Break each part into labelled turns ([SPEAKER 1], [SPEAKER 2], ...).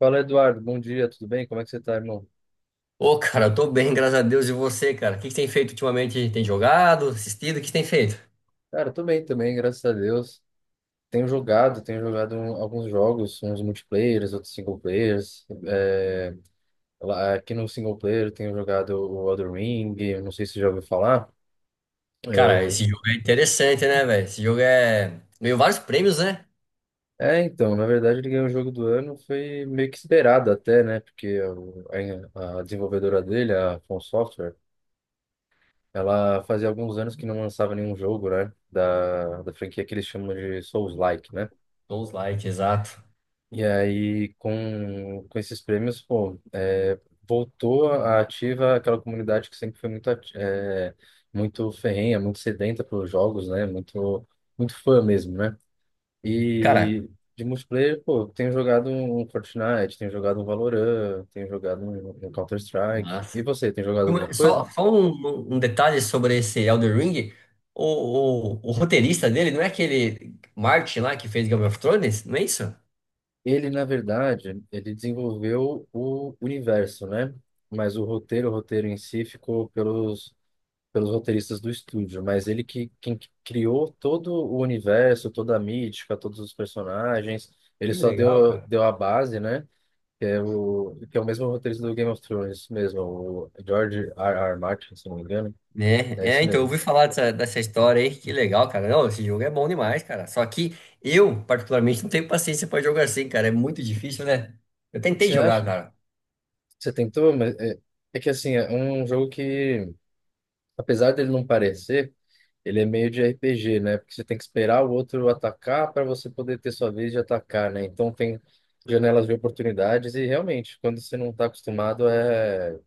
[SPEAKER 1] Fala, Eduardo. Bom dia, tudo bem? Como é que você tá, irmão?
[SPEAKER 2] Ô, cara, eu tô bem, graças a Deus. E você, cara? O que que tem feito ultimamente? Tem jogado, assistido? O que que tem feito?
[SPEAKER 1] Cara, eu tô bem também, graças a Deus. Tenho jogado, alguns jogos, uns multiplayers, outros single players. Aqui no single player eu tenho jogado o Elden Ring, eu não sei se você já ouviu falar.
[SPEAKER 2] Cara,
[SPEAKER 1] Eu...
[SPEAKER 2] esse jogo é interessante, né, velho? Esse jogo é. Ganhou vários prêmios, né?
[SPEAKER 1] É, então, na verdade ele ganhou o jogo do ano, foi meio que esperado até, né? Porque a desenvolvedora dele, a From Software, ela fazia alguns anos que não lançava nenhum jogo, né? Da franquia que eles chamam de Souls-like, né?
[SPEAKER 2] Souls like, exato.
[SPEAKER 1] E aí, com esses prêmios, pô, é, voltou a ativa aquela comunidade que sempre foi muito ferrenha, muito sedenta pelos jogos, né? Muito, muito fã mesmo, né?
[SPEAKER 2] Cara,
[SPEAKER 1] E de multiplayer, pô, eu tenho jogado um Fortnite, tenho jogado um Valorant, tenho jogado um Counter-Strike. E
[SPEAKER 2] massa.
[SPEAKER 1] você, tem jogado alguma
[SPEAKER 2] Só,
[SPEAKER 1] coisa?
[SPEAKER 2] só um detalhe sobre esse Elden Ring. O roteirista dele não é aquele Martin lá que fez Game of Thrones? Não é isso?
[SPEAKER 1] Ele, na verdade, ele desenvolveu o universo, né? Mas o roteiro em si ficou pelos roteiristas do estúdio, mas ele que quem que criou todo o universo, toda a mítica, todos os personagens, ele
[SPEAKER 2] Que
[SPEAKER 1] só
[SPEAKER 2] legal,
[SPEAKER 1] deu
[SPEAKER 2] cara.
[SPEAKER 1] deu a base, né? Que é o mesmo roteirista do Game of Thrones mesmo, o George R. R. Martin, se não me engano, é esse
[SPEAKER 2] Eu
[SPEAKER 1] mesmo.
[SPEAKER 2] ouvi falar dessa história aí, que legal, cara. Não, esse jogo é bom demais, cara. Só que eu, particularmente, não tenho paciência pra jogar assim, cara. É muito difícil, né? Eu tentei
[SPEAKER 1] Você
[SPEAKER 2] jogar,
[SPEAKER 1] acha?
[SPEAKER 2] cara.
[SPEAKER 1] Você tentou, é que assim, é um jogo que apesar dele não parecer, ele é meio de RPG, né? Porque você tem que esperar o outro atacar para você poder ter sua vez de atacar, né? Então tem janelas de oportunidades e realmente, quando você não está acostumado, é,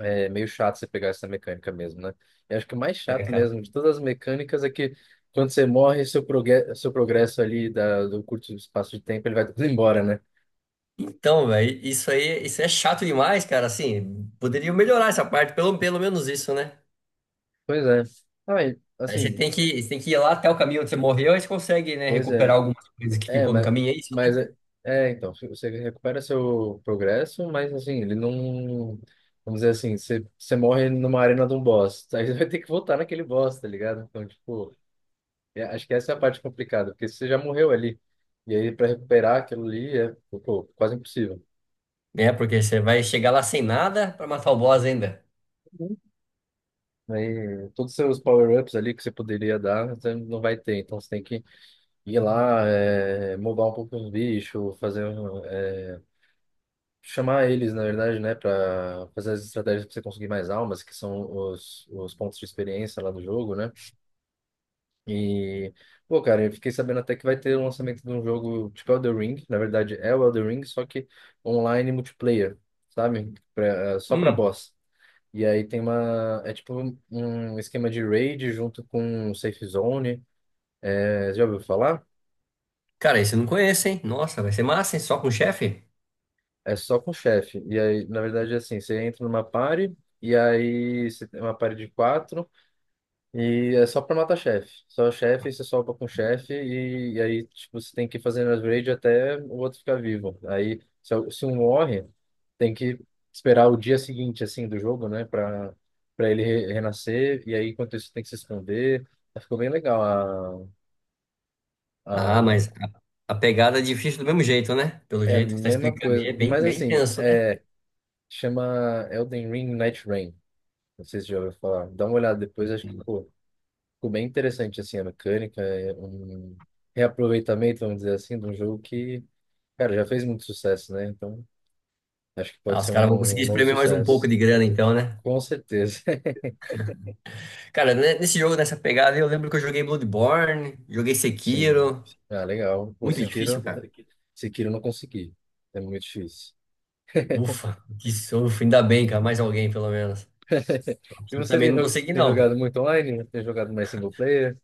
[SPEAKER 1] é meio chato você pegar essa mecânica mesmo, né? Eu acho que o mais
[SPEAKER 2] É,
[SPEAKER 1] chato
[SPEAKER 2] cara.
[SPEAKER 1] mesmo de todas as mecânicas é que quando você morre, seu progresso ali do curto espaço de tempo, ele vai tudo embora, né?
[SPEAKER 2] Então, velho, isso aí, isso é chato demais, cara. Assim, poderia melhorar essa parte, pelo menos isso, né?
[SPEAKER 1] Pois é. Ah, e,
[SPEAKER 2] Aí
[SPEAKER 1] assim,
[SPEAKER 2] você tem que ir lá até o caminho onde você morreu, aí você consegue, né,
[SPEAKER 1] pois é.
[SPEAKER 2] recuperar algumas coisas que
[SPEAKER 1] É,
[SPEAKER 2] ficou no
[SPEAKER 1] mas,
[SPEAKER 2] caminho, é isso,
[SPEAKER 1] mas é, então, você recupera seu progresso, mas assim, ele não. Vamos dizer assim, você morre numa arena de um boss. Aí você vai ter que voltar naquele boss, tá ligado? Então, tipo, é, acho que essa é a parte complicada, porque você já morreu ali. E aí, pra recuperar aquilo ali é, pô, quase impossível.
[SPEAKER 2] né? É, porque você vai chegar lá sem nada pra matar o boss ainda.
[SPEAKER 1] Aí, todos os seus power-ups ali que você poderia dar, você não vai ter. Então, você tem que ir lá, mobar um pouco os bichos, fazer. Chamar eles, na verdade, né, para fazer as estratégias para você conseguir mais almas, que são os pontos de experiência lá do jogo, né? E, pô, cara, eu fiquei sabendo até que vai ter o lançamento de um jogo tipo Elden Ring, na verdade é o Elden Ring, só que online multiplayer, sabe? Pra, só para
[SPEAKER 2] Hum,
[SPEAKER 1] boss. E aí tem uma, é tipo um esquema de raid junto com safe zone, é, já ouviu falar?
[SPEAKER 2] cara, isso eu não conheço, hein? Nossa, vai ser massa, hein? Só com o chefe?
[SPEAKER 1] É só com o chefe. E aí, na verdade, é assim, você entra numa party, e aí você tem uma party de quatro, e é só pra matar chefe. Só chefe, você solta com chefe e aí tipo, você tem que ir fazendo upgrade até o outro ficar vivo. Aí se um morre, tem que esperar o dia seguinte assim do jogo, né, Pra para ele renascer e aí enquanto isso tem que se esconder. Aí ficou bem legal a,
[SPEAKER 2] Ah,
[SPEAKER 1] a
[SPEAKER 2] mas a pegada é difícil do mesmo jeito, né? Pelo
[SPEAKER 1] é a
[SPEAKER 2] jeito que tá
[SPEAKER 1] mesma
[SPEAKER 2] explicando aí,
[SPEAKER 1] coisa,
[SPEAKER 2] é bem,
[SPEAKER 1] mas
[SPEAKER 2] bem
[SPEAKER 1] assim,
[SPEAKER 2] tenso, né?
[SPEAKER 1] é chama Elden Ring Night Rain. Não sei se já ouviu falar. Dá uma olhada depois, acho que pô. Ficou bem interessante, assim, a mecânica, é um reaproveitamento, vamos dizer assim, de um jogo que, cara, já fez muito sucesso, né? Então, acho que
[SPEAKER 2] Ah,
[SPEAKER 1] pode
[SPEAKER 2] os
[SPEAKER 1] ser
[SPEAKER 2] caras vão
[SPEAKER 1] um,
[SPEAKER 2] conseguir
[SPEAKER 1] um novo
[SPEAKER 2] espremer mais um pouco
[SPEAKER 1] sucesso.
[SPEAKER 2] de grana então, né?
[SPEAKER 1] Com certeza.
[SPEAKER 2] Cara, né, nesse jogo, nessa pegada, aí, eu lembro que eu joguei Bloodborne, joguei
[SPEAKER 1] Sim.
[SPEAKER 2] Sekiro.
[SPEAKER 1] Ah, legal. Pô,
[SPEAKER 2] Muito é, difícil,
[SPEAKER 1] Sekiro,
[SPEAKER 2] cara.
[SPEAKER 1] Sekiro eu não consegui. É muito difícil.
[SPEAKER 2] Ufa, que sofro. Ainda bem, cara, mais alguém pelo menos.
[SPEAKER 1] E
[SPEAKER 2] Eu
[SPEAKER 1] você
[SPEAKER 2] também
[SPEAKER 1] tem,
[SPEAKER 2] não consegui,
[SPEAKER 1] tem jogado
[SPEAKER 2] não.
[SPEAKER 1] muito online? Tem jogado mais single player?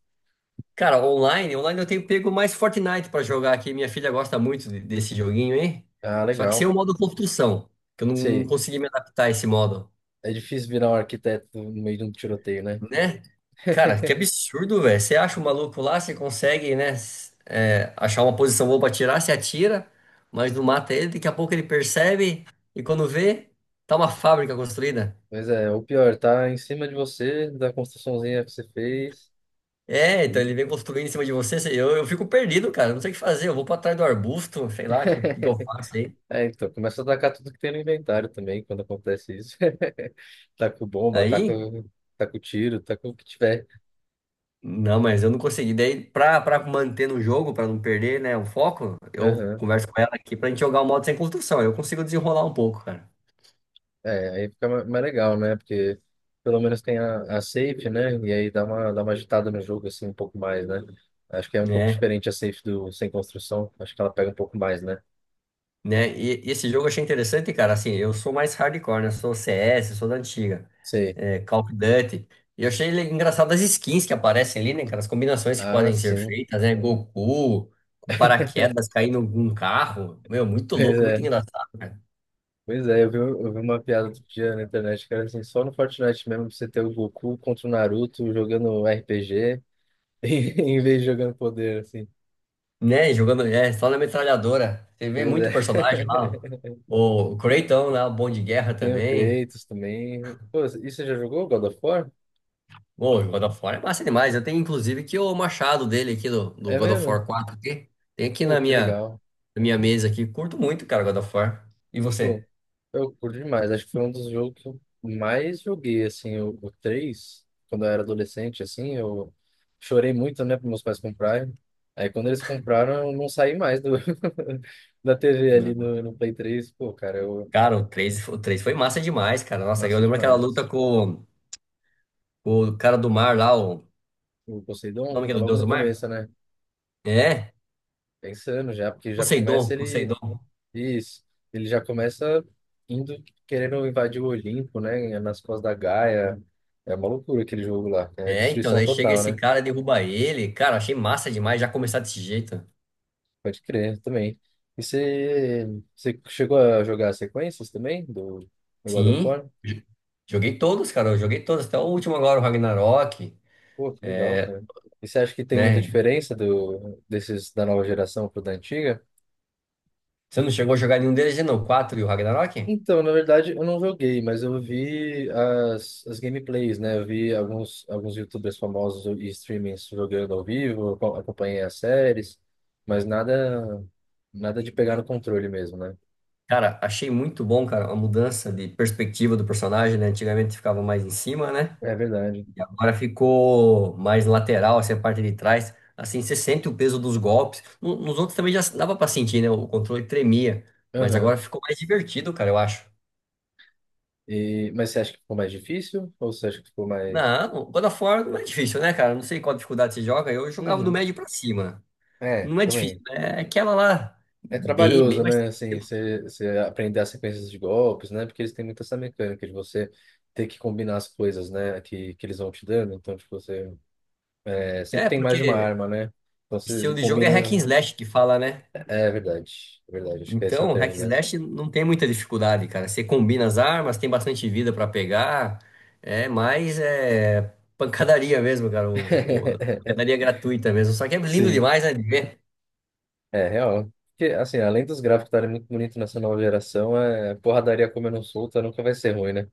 [SPEAKER 2] Cara, online, online eu tenho pego mais Fortnite pra jogar aqui. Minha filha gosta muito desse joguinho, hein?
[SPEAKER 1] Ah,
[SPEAKER 2] Só que sem
[SPEAKER 1] legal.
[SPEAKER 2] o modo construção, que eu não
[SPEAKER 1] Sei.
[SPEAKER 2] consegui me adaptar a esse modo.
[SPEAKER 1] É difícil virar um arquiteto no meio de um tiroteio, né?
[SPEAKER 2] Né? Cara, que absurdo, velho. Você acha o maluco lá, você consegue, né, achar uma posição boa pra tirar, você atira, mas não mata ele. Daqui a pouco ele percebe e quando vê, tá uma fábrica construída.
[SPEAKER 1] Pois é, o pior, tá em cima de você, da construçãozinha que você fez.
[SPEAKER 2] É, então ele
[SPEAKER 1] Hum.
[SPEAKER 2] vem construindo em cima de você. Eu fico perdido, cara. Não sei o que fazer. Eu vou pra trás do arbusto, sei lá, o que, que eu faço aí?
[SPEAKER 1] É, então, começa a atacar tudo que tem no inventário também, quando acontece isso. Taca bomba, taca,
[SPEAKER 2] Aí,
[SPEAKER 1] taca o tiro, taca o que tiver.
[SPEAKER 2] não, mas eu não consegui. Daí, pra manter no jogo, pra não perder, né, o foco, eu
[SPEAKER 1] Aham.
[SPEAKER 2] converso com ela aqui pra gente jogar o modo sem construção. Eu consigo desenrolar um pouco, cara.
[SPEAKER 1] É, aí fica mais legal, né? Porque pelo menos tem a safe, né? E aí dá uma agitada no jogo, assim, um pouco mais, né? Acho que é um pouco
[SPEAKER 2] Né?
[SPEAKER 1] diferente a safe do sem construção. Acho que ela pega um pouco mais, né?
[SPEAKER 2] Né? E esse jogo eu achei interessante, cara. Assim, eu sou mais hardcore, né? Eu sou CS, sou da antiga,
[SPEAKER 1] Sei.
[SPEAKER 2] é, Call of Duty. E eu achei engraçado as skins que aparecem ali, né, cara? As combinações que
[SPEAKER 1] Ah,
[SPEAKER 2] podem ser
[SPEAKER 1] sim.
[SPEAKER 2] feitas, né? Goku, com paraquedas, caindo num carro. Meu, muito
[SPEAKER 1] Pois
[SPEAKER 2] louco, muito
[SPEAKER 1] é.
[SPEAKER 2] engraçado, cara.
[SPEAKER 1] Pois é, eu vi uma piada outro dia na internet que era assim, só no Fortnite mesmo você ter o Goku contra o Naruto jogando RPG em vez de jogando poder, assim.
[SPEAKER 2] Né? Jogando, é, só na metralhadora. Você vê
[SPEAKER 1] Pois
[SPEAKER 2] muito personagem
[SPEAKER 1] é.
[SPEAKER 2] lá. O Kratos, né? O Bom de Guerra
[SPEAKER 1] Tem o
[SPEAKER 2] também.
[SPEAKER 1] Kratos também. Pô, e você já jogou God of War?
[SPEAKER 2] Bom, o God of War é massa demais. Eu tenho inclusive aqui o machado dele aqui do
[SPEAKER 1] É
[SPEAKER 2] God of
[SPEAKER 1] mesmo?
[SPEAKER 2] War 4 aqui. Tem aqui
[SPEAKER 1] Pô, que legal.
[SPEAKER 2] na minha mesa aqui. Curto muito, cara, God of War. E
[SPEAKER 1] Pô,
[SPEAKER 2] você?
[SPEAKER 1] eu curto demais. Acho que foi um dos jogos que eu mais joguei, assim, o 3, quando eu era adolescente, assim, eu chorei muito, né, para meus pais comprarem. Aí quando eles compraram, eu não saí mais do, da TV ali
[SPEAKER 2] Não.
[SPEAKER 1] no, no Play três. Pô, cara, eu
[SPEAKER 2] Cara, o três foi massa demais, cara. Nossa, eu
[SPEAKER 1] massa
[SPEAKER 2] lembro aquela luta
[SPEAKER 1] demais.
[SPEAKER 2] com o cara do mar lá, o
[SPEAKER 1] O Poseidon
[SPEAKER 2] nome que é
[SPEAKER 1] é
[SPEAKER 2] do
[SPEAKER 1] logo
[SPEAKER 2] Deus
[SPEAKER 1] no
[SPEAKER 2] do Mar?
[SPEAKER 1] começo, né?
[SPEAKER 2] É,
[SPEAKER 1] Pensando já, porque já começa ele.
[SPEAKER 2] Poseidon.
[SPEAKER 1] Isso. Ele já começa indo querendo invadir o Olimpo, né? Nas costas da Gaia. É uma loucura aquele jogo lá. É
[SPEAKER 2] É, então,
[SPEAKER 1] destruição
[SPEAKER 2] daí chega
[SPEAKER 1] total,
[SPEAKER 2] esse
[SPEAKER 1] né?
[SPEAKER 2] cara, derruba ele. Cara, achei massa demais já começar desse jeito.
[SPEAKER 1] Pode crer também. E você, você chegou a jogar as sequências também do God of
[SPEAKER 2] Sim,
[SPEAKER 1] War?
[SPEAKER 2] joguei todos, cara. Eu joguei todos, até o último agora, o Ragnarok,
[SPEAKER 1] Pô, que legal, cara. E você acha que tem muita
[SPEAKER 2] né?
[SPEAKER 1] diferença do, desses da nova geração pro da antiga?
[SPEAKER 2] Você não chegou a jogar nenhum deles, não? O 4 e o Ragnarok?
[SPEAKER 1] Então, na verdade, eu não joguei, mas eu vi as gameplays, né? Eu vi alguns, alguns YouTubers famosos e streamings jogando ao vivo, eu acompanhei as séries, mas nada, nada de pegar no controle mesmo, né?
[SPEAKER 2] Cara, achei muito bom, cara, a mudança de perspectiva do personagem, né? Antigamente ficava mais em cima, né?
[SPEAKER 1] É verdade.
[SPEAKER 2] E agora ficou mais lateral, assim, a parte de trás. Assim, você sente o peso dos golpes. Nos outros também já dava pra sentir, né? O controle tremia. Mas
[SPEAKER 1] Aham.
[SPEAKER 2] agora ficou mais divertido, cara, eu acho.
[SPEAKER 1] E, mas você acha que ficou mais difícil? Ou você acha que ficou mais.
[SPEAKER 2] Não, God of War não é difícil, né, cara? Não sei qual dificuldade você joga. Eu jogava do
[SPEAKER 1] Uhum.
[SPEAKER 2] médio pra cima.
[SPEAKER 1] É,
[SPEAKER 2] Não é difícil,
[SPEAKER 1] também.
[SPEAKER 2] né? É aquela lá,
[SPEAKER 1] É
[SPEAKER 2] bem, bem
[SPEAKER 1] trabalhoso,
[SPEAKER 2] mais.
[SPEAKER 1] né? Assim, você aprender as sequências de golpes, né? Porque eles têm muito essa mecânica de você ter que combinar as coisas, né? Que eles vão te dando. Então, tipo, você. É, sempre
[SPEAKER 2] É,
[SPEAKER 1] tem mais de uma
[SPEAKER 2] porque
[SPEAKER 1] arma, né? Então, você
[SPEAKER 2] estilo de jogo é hack and
[SPEAKER 1] combina.
[SPEAKER 2] slash que fala, né?
[SPEAKER 1] É, é verdade. É verdade. Acho que esse é o
[SPEAKER 2] Então,
[SPEAKER 1] termo
[SPEAKER 2] hack and
[SPEAKER 1] mesmo.
[SPEAKER 2] slash não tem muita dificuldade, cara. Você combina as armas, tem bastante vida pra pegar. É mais é, pancadaria mesmo, cara. Pancadaria gratuita mesmo. Só que é lindo
[SPEAKER 1] Sim.
[SPEAKER 2] demais, né, de ver.
[SPEAKER 1] É, real. Porque, assim, além dos gráficos estarem muito bonitos nessa nova geração, é porradaria comendo solta nunca vai ser ruim, né?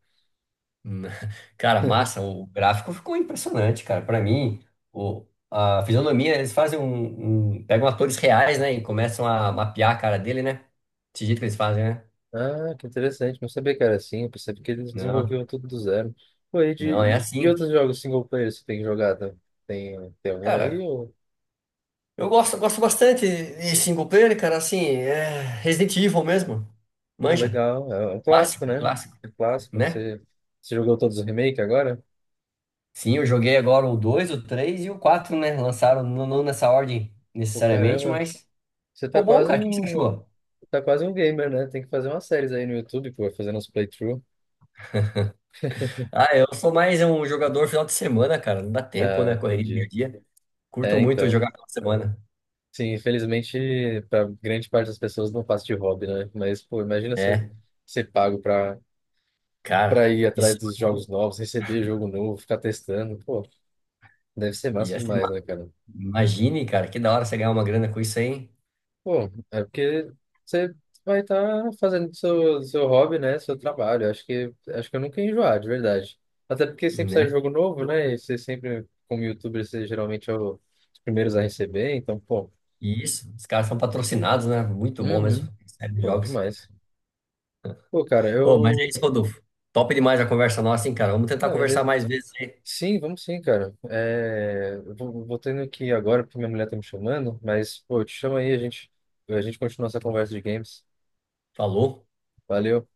[SPEAKER 2] Hum, cara, massa. O gráfico ficou impressionante, cara. Pra mim, o, a fisionomia, eles fazem pegam atores reais, né? E começam a mapear a cara dele, né? Desse jeito que eles fazem, né?
[SPEAKER 1] Ah, que interessante. Não sabia que era assim. Eu percebi que eles
[SPEAKER 2] Não,
[SPEAKER 1] desenvolviam tudo do zero. Pô, e,
[SPEAKER 2] não, é
[SPEAKER 1] de... e
[SPEAKER 2] assim.
[SPEAKER 1] outros jogos single player você tem jogado? Tem, tem algum aí?
[SPEAKER 2] Cara,
[SPEAKER 1] Ou...
[SPEAKER 2] eu gosto bastante de single player, cara, assim, é Resident Evil mesmo.
[SPEAKER 1] Pô,
[SPEAKER 2] Manja.
[SPEAKER 1] legal. É é um clássico, né?
[SPEAKER 2] Clássico,
[SPEAKER 1] É um clássico.
[SPEAKER 2] né?
[SPEAKER 1] Você... você jogou todos os remakes agora?
[SPEAKER 2] Sim, eu joguei agora o 2, o 3 e o 4, né? Lançaram não nessa ordem
[SPEAKER 1] Pô,
[SPEAKER 2] necessariamente,
[SPEAKER 1] caramba.
[SPEAKER 2] mas
[SPEAKER 1] Você
[SPEAKER 2] ficou bom, cara. O que que você achou?
[SPEAKER 1] tá quase um gamer, né? Tem que fazer umas séries aí no YouTube, pô, fazendo uns playthrough.
[SPEAKER 2] Ah, eu sou mais um jogador final de semana, cara. Não dá tempo,
[SPEAKER 1] Ah,
[SPEAKER 2] né? Correria do
[SPEAKER 1] entendi.
[SPEAKER 2] dia a dia. Curto
[SPEAKER 1] É,
[SPEAKER 2] muito
[SPEAKER 1] então.
[SPEAKER 2] jogar final de semana.
[SPEAKER 1] Sim, infelizmente, para grande parte das pessoas não passa de hobby, né? Mas, pô, imagina você
[SPEAKER 2] É,
[SPEAKER 1] ser pago para
[SPEAKER 2] cara,
[SPEAKER 1] ir atrás
[SPEAKER 2] isso.
[SPEAKER 1] dos jogos novos, receber jogo novo, ficar testando. Pô, deve ser massa
[SPEAKER 2] E assim,
[SPEAKER 1] demais, né, cara?
[SPEAKER 2] imagine, cara, que da hora você ganhar uma grana com isso aí,
[SPEAKER 1] Pô, é porque você vai estar fazendo seu, seu hobby, né? Seu trabalho. Acho que eu nunca ia enjoar, de verdade. Até porque sempre sai
[SPEAKER 2] né?
[SPEAKER 1] jogo novo, né? E você sempre, como youtuber, você geralmente é os primeiros a receber. Então, pô,
[SPEAKER 2] E isso, os caras são patrocinados, né? Muito bom mesmo,
[SPEAKER 1] uhum,
[SPEAKER 2] série de
[SPEAKER 1] pô,
[SPEAKER 2] jogos.
[SPEAKER 1] demais. Pô, cara,
[SPEAKER 2] Ô, mas é
[SPEAKER 1] eu.
[SPEAKER 2] isso, Rodolfo. Top demais a conversa nossa, hein, cara? Vamos tentar
[SPEAKER 1] Ah,
[SPEAKER 2] conversar
[SPEAKER 1] beleza.
[SPEAKER 2] mais vezes aí.
[SPEAKER 1] Sim, vamos sim, cara. É, vou tendo que ir agora porque minha mulher tá me chamando, mas pô, eu te chamo aí, a gente continua essa conversa de games.
[SPEAKER 2] Falou.
[SPEAKER 1] Valeu.